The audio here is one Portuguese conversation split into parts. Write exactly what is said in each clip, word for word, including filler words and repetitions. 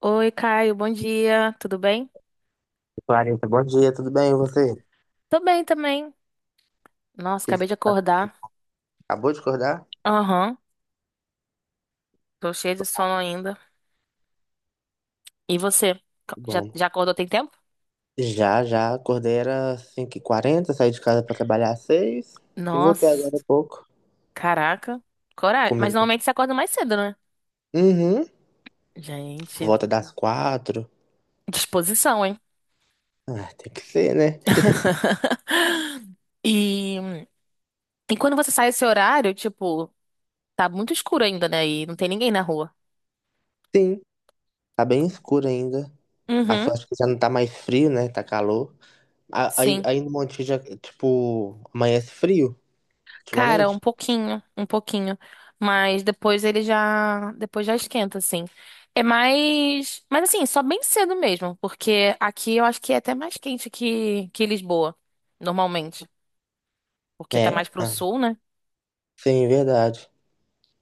Oi, Caio, bom dia, tudo bem? Clarita, bom dia, tudo bem? E você? Tô bem também. Nossa, Ele acabei de acordar. acabou de acordar? Aham, tô cheia de sono ainda. E você? Co- Já, Bom, já acordou tem tempo? já, já, acordei era cinco e quarenta, saí de casa para trabalhar às seis e voltei agora há Nossa, pouco. caraca, coragem. Mas Comigo. normalmente você acorda mais cedo, né? Uhum, por Gente, volta das quatro. disposição, hein? Ah, tem que ser, né? E, e quando você sai esse horário, tipo, tá muito escuro ainda, né? E não tem ninguém na rua. Sim, tá bem escuro ainda. A Uhum, sorte que já não tá mais frio, né? Tá calor. A- Aí, sim. aí no Monte já, tipo, amanhece frio, Cara, um ultimamente. pouquinho, um pouquinho, mas depois ele já, depois já esquenta assim. É mais, mas assim, só bem cedo mesmo, porque aqui eu acho que é até mais quente que que Lisboa, normalmente, porque tá mais É? pro Ah, sul, né? sim, verdade.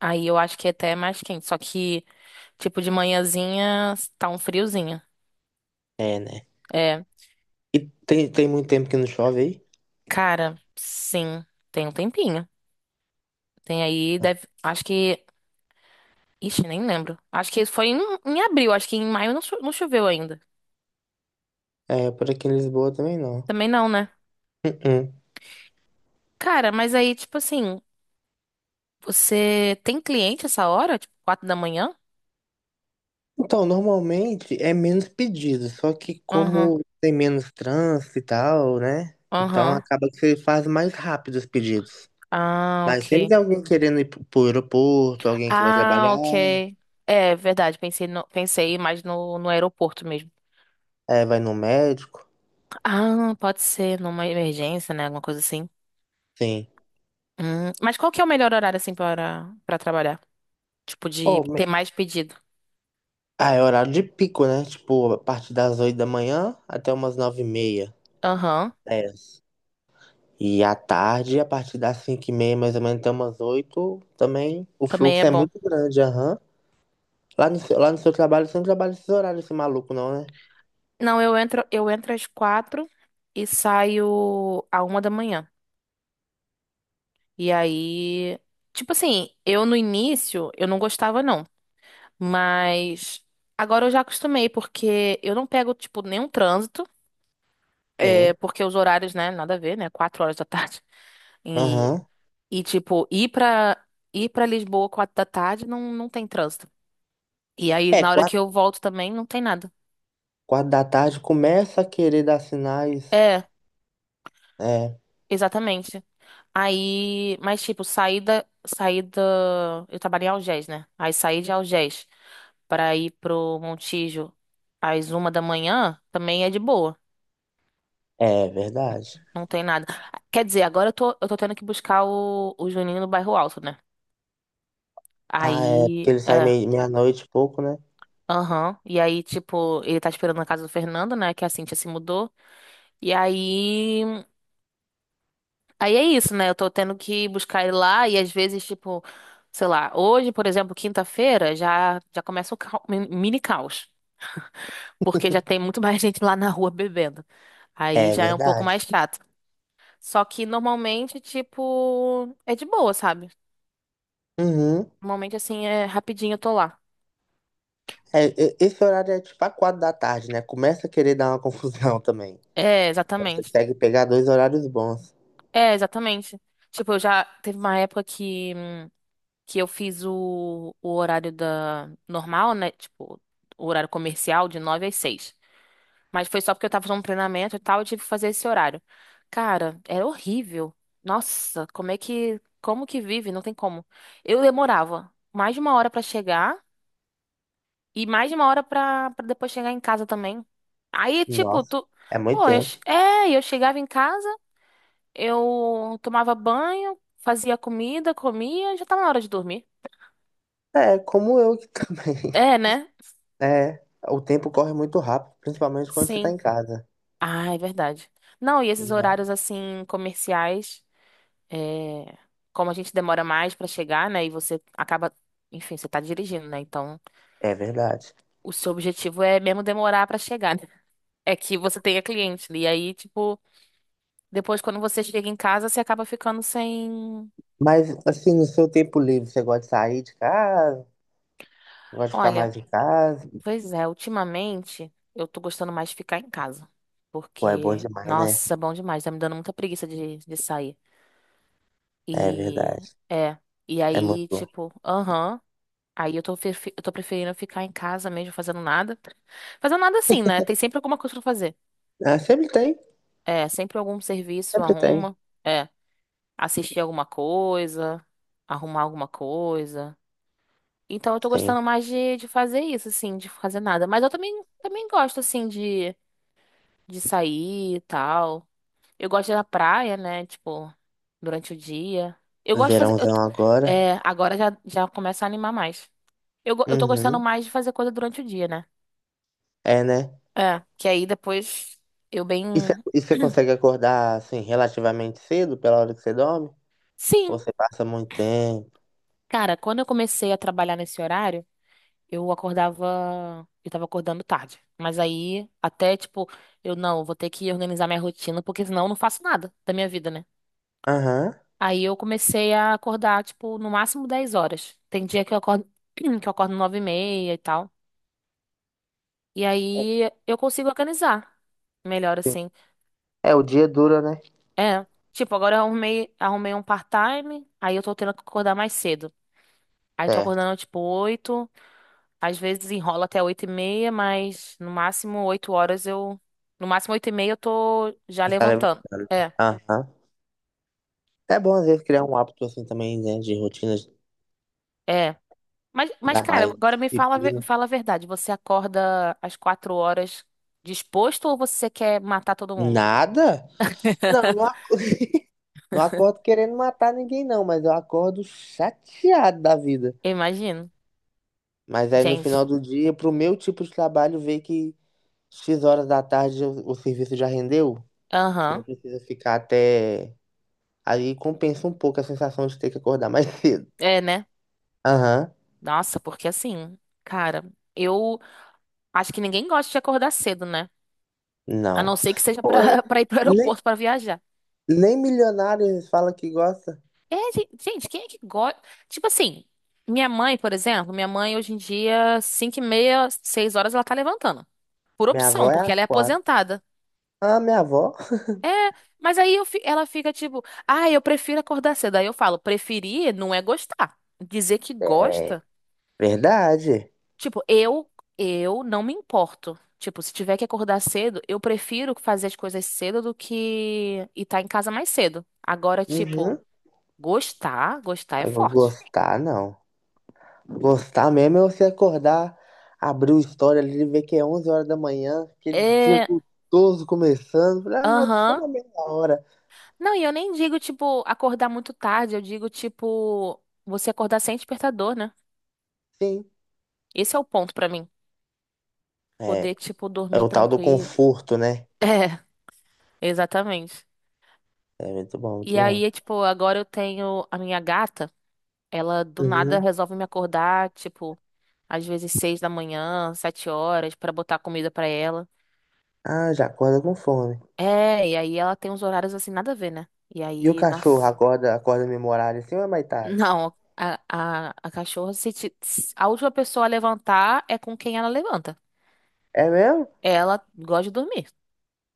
Aí eu acho que é até mais quente, só que tipo de manhãzinha tá um friozinho. É, né? É, E tem, tem muito tempo que não chove aí? cara, sim, tem um tempinho. Tem aí, deve, acho que, ixi, nem lembro. Acho que foi em, em, abril, acho que em maio não cho- não choveu ainda. É, por aqui em Lisboa também não. Também não, né? Uh-uh. Cara, mas aí, tipo assim, você tem cliente essa hora? Tipo, quatro da manhã? Então, normalmente é menos pedido, só que Aham, como tem menos trânsito e tal, né? Então aham. acaba que você faz mais rápido os pedidos. Ah, Mas sempre ok. tem alguém querendo ir pro pro aeroporto, alguém que vai Ah, trabalhar, ok. É verdade, pensei, no- pensei mais no, no, aeroporto mesmo. é, vai no médico, Ah, pode ser numa emergência, né? Alguma coisa assim. sim. Hum, mas qual que é o melhor horário, assim, para, para, trabalhar? Tipo, de Oh, me- ter mais pedido. Ah, é horário de pico, né? Tipo, a partir das oito da manhã até umas nove e meia, Aham, dez. E à tarde, a partir das cinco e meia, mais ou menos, até umas oito também o também é fluxo é bom. muito grande, aham. Lá no, seu- lá no seu trabalho, você não trabalha esses horários, esse maluco, não, né? Não, eu entro, eu entro às quatro e saio à uma da manhã. E aí, tipo assim, eu no início eu não gostava não, mas agora eu já acostumei porque eu não pego tipo nenhum trânsito, é, Sim. porque os horários, né, nada a ver, né, quatro horas da tarde. E, Aham. e tipo, ir pra ir para Lisboa quatro da tarde não não tem trânsito. E aí na É, hora que quatro, eu volto também não tem nada. quatro da tarde começa a querer dar sinais. É, É, exatamente. Aí, mas tipo, saída, saída, eu trabalhei em Algés, né? Aí saí de Algés pra ir pro Montijo às uma da manhã, também é de boa, é verdade. não tem nada. Quer dizer, agora eu tô, eu tô, tendo que buscar o, o Juninho no bairro Alto, né? Ah, é, Aí, porque ele sai é, meia- meia-noite e pouco, né? aham, e aí, tipo, ele tá esperando na casa do Fernando, né? Que a Cintia se mudou, e aí Aí é isso, né? Eu tô tendo que buscar ele lá e às vezes, tipo, sei lá, hoje, por exemplo, quinta-feira, já já começa o cau- mi- mini caos, porque já tem muito mais gente lá na rua bebendo. Aí É já é um pouco verdade. mais chato. Só que normalmente, tipo, é de boa, sabe? Uhum. Normalmente assim é rapidinho eu tô lá. É, e- esse horário é tipo a quatro da tarde, né? Começa a querer dar uma confusão também. É, Então você exatamente. consegue pegar dois horários bons. É, exatamente. Tipo, eu já teve uma época que que eu fiz o, o horário da normal, né? Tipo, o horário comercial de nove às seis. Mas foi só porque eu tava fazendo um treinamento e tal, eu tive que fazer esse horário. Cara, era horrível. Nossa, como é que. Como que vive? Não tem como. Eu demorava mais de uma hora pra chegar e mais de uma hora pra, pra depois chegar em casa também. Aí, tipo, Nossa, tu. é muito Pô, eu... tempo. che- é, eu chegava em casa, eu tomava banho, fazia comida, comia, já tava na hora de dormir. É, como eu que também. É, né? É, o tempo corre muito rápido, principalmente quando você tá Sim. em casa. Ah, é verdade. Não, e esses Não. horários assim, comerciais. É, como a gente demora mais pra chegar, né? E você acaba, enfim, você tá dirigindo, né? Então, É verdade. o seu objetivo é mesmo demorar pra chegar, né? É que você tenha cliente, né? E aí, tipo, depois quando você chega em casa, você acaba ficando sem. Mas, assim, no seu tempo livre, você gosta de sair de casa? Gosta de ficar mais Olha, em casa? pois é, ultimamente eu tô gostando mais de ficar em casa. Pô, é bom Porque, demais, né? nossa, bom demais, tá me dando muita preguiça de, de, sair. É E, verdade. é. E É muito aí, bom. tipo, aham. Aí eu tô, prefe- eu tô preferindo ficar em casa mesmo, fazendo nada. Fazendo nada assim, né? Tem sempre alguma coisa pra fazer. Ah, sempre tem, É, sempre algum serviço, sempre tem. arruma. É, assistir alguma coisa, arrumar alguma coisa. Então eu tô Sim. gostando mais de, de fazer isso, assim, de fazer nada. Mas eu também, também, gosto, assim, de, de sair e tal. Eu gosto de ir na praia, né? Tipo, durante o dia. Eu gosto de fazer. eu Verãozão t- agora. é, agora já, já começa a animar mais. Eu, go- eu tô gostando Uhum. mais de fazer coisa durante o dia, né? É, né? É, que aí depois eu bem. E você e você consegue acordar, assim, relativamente cedo, pela hora que você dorme? Sim, Ou você passa muito tempo? cara, quando eu comecei a trabalhar nesse horário, eu acordava. Eu tava acordando tarde. Mas aí, até tipo, eu não, vou ter que organizar minha rotina, porque senão eu não faço nada da minha vida, né? Aham. Aí eu comecei a acordar, tipo, no máximo dez horas. Tem dia que eu acordo, que eu acordo nove e meia e tal. E aí eu consigo organizar melhor Sim. assim. É, o dia dura, né? É, tipo, agora eu arrumei, arrumei, um part-time, aí eu tô tendo que acordar mais cedo. Aí tô Certo. acordando tipo oito, às vezes enrola até oito e meia, mas no máximo oito horas eu. No máximo oito e meia eu tô já Você tá levantando. levantando. É, Aham. É bom, às vezes, criar um hábito, assim, também, né? De rotina, de é. Mas, mas, dar cara, mais agora me fala, a ve- me disciplina. fala a verdade. Você acorda às quatro horas disposto ou você quer matar todo mundo? Nada? Não, não, a- não acordo querendo matar ninguém, não, mas eu acordo chateado da vida. Eu imagino. Mas aí no Gente, final do dia, pro meu tipo de trabalho, ver que X horas da tarde o, o serviço já rendeu, você não aham. precisa ficar até. Aí compensa um pouco a sensação de ter que acordar mais cedo. É, né? Aham, Nossa, porque assim, cara, eu acho que ninguém gosta de acordar cedo, né? A não não. ser que seja Pô, é- pra, pra ir pro nem, aeroporto pra viajar. nem milionários falam que gosta. É, gen- gente, quem é que gosta? Tipo assim, minha mãe, por exemplo, minha mãe hoje em dia, cinco e meia, seis horas, ela tá levantando. Por Minha avó opção, é porque às ela é quatro. aposentada. Ah, minha avó? É, mas aí eu fi- ela fica tipo, ah, eu prefiro acordar cedo. Aí eu falo, preferir não é gostar. Dizer que É, gosta, verdade. tipo, eu, eu, não me importo. Tipo, se tiver que acordar cedo, eu prefiro fazer as coisas cedo do que estar em casa mais cedo. Agora, tipo, Uhum. gostar, gostar é Eu vou forte. gostar, não. Gostar mesmo é você acordar, abrir o story ali e ver que é onze horas da manhã, aquele dia É, gostoso começando. Falei, ah, vou só aham. uma meia hora. Não, e eu nem digo, tipo, acordar muito tarde, eu digo, tipo, você acordar sem despertador, né? Sim, Esse é o ponto pra mim. é, Poder, tipo, é dormir o tal do tranquilo. conforto, né? É, exatamente. É muito bom, muito E bom. aí, tipo, agora eu tenho a minha gata, ela do nada Uhum. resolve me acordar, tipo, às vezes seis da manhã, sete horas, pra botar comida pra ela. Ah, já acorda com fome. É, e aí ela tem uns horários assim, nada a ver, né? E E o aí, cachorro nossa. acorda, acorda no mesmo horário assim ou é mais tarde? Não, a, a, a cachorra, se te- se a última pessoa a levantar é com quem ela levanta. É mesmo? Ela gosta de dormir.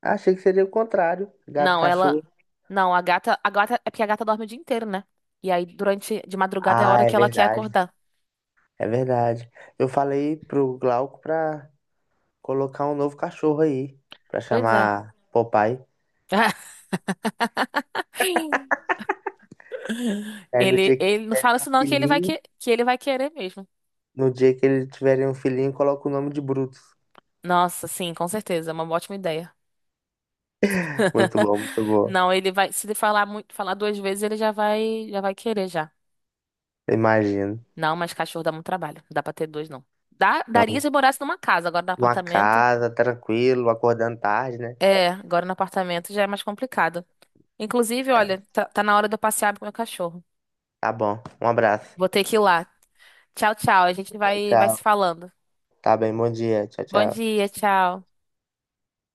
Achei que seria o contrário, gato e Não, ela. cachorro. Não, a gata. A gata. É porque a gata dorme o dia inteiro, né? E aí, durante. De madrugada é a Ah, hora é que ela quer verdade, acordar. é verdade. Eu falei pro Glauco pra colocar um novo cachorro aí, pra Pois é. chamar Popeye. Aí no Ele, dia que ele não fala tiverem um isso, não, que ele vai, filhinho, que... que ele vai querer mesmo. no dia que eles tiverem um filhinho, coloca o nome de Brutus. Nossa, sim, com certeza. É uma ótima ideia. Muito bom, muito bom. Não, ele vai. Se ele falar muito, falar duas vezes, ele já vai, já vai querer já. Imagino. Não, mas cachorro dá muito trabalho. Não dá pra ter dois, não. Dá, daria Nossa, se morasse numa casa, agora no uma apartamento. casa, tranquilo, acordando tarde, né? É, agora no apartamento já é mais complicado. Inclusive, É, olha, tá, tá na hora de eu passear com o meu cachorro. tá bom. Um abraço. Vou ter que ir lá. Tchau, tchau. A gente Tchau, vai, vai se tchau. falando. Tá bem, bom dia. Tchau, Bom tchau. dia, tchau.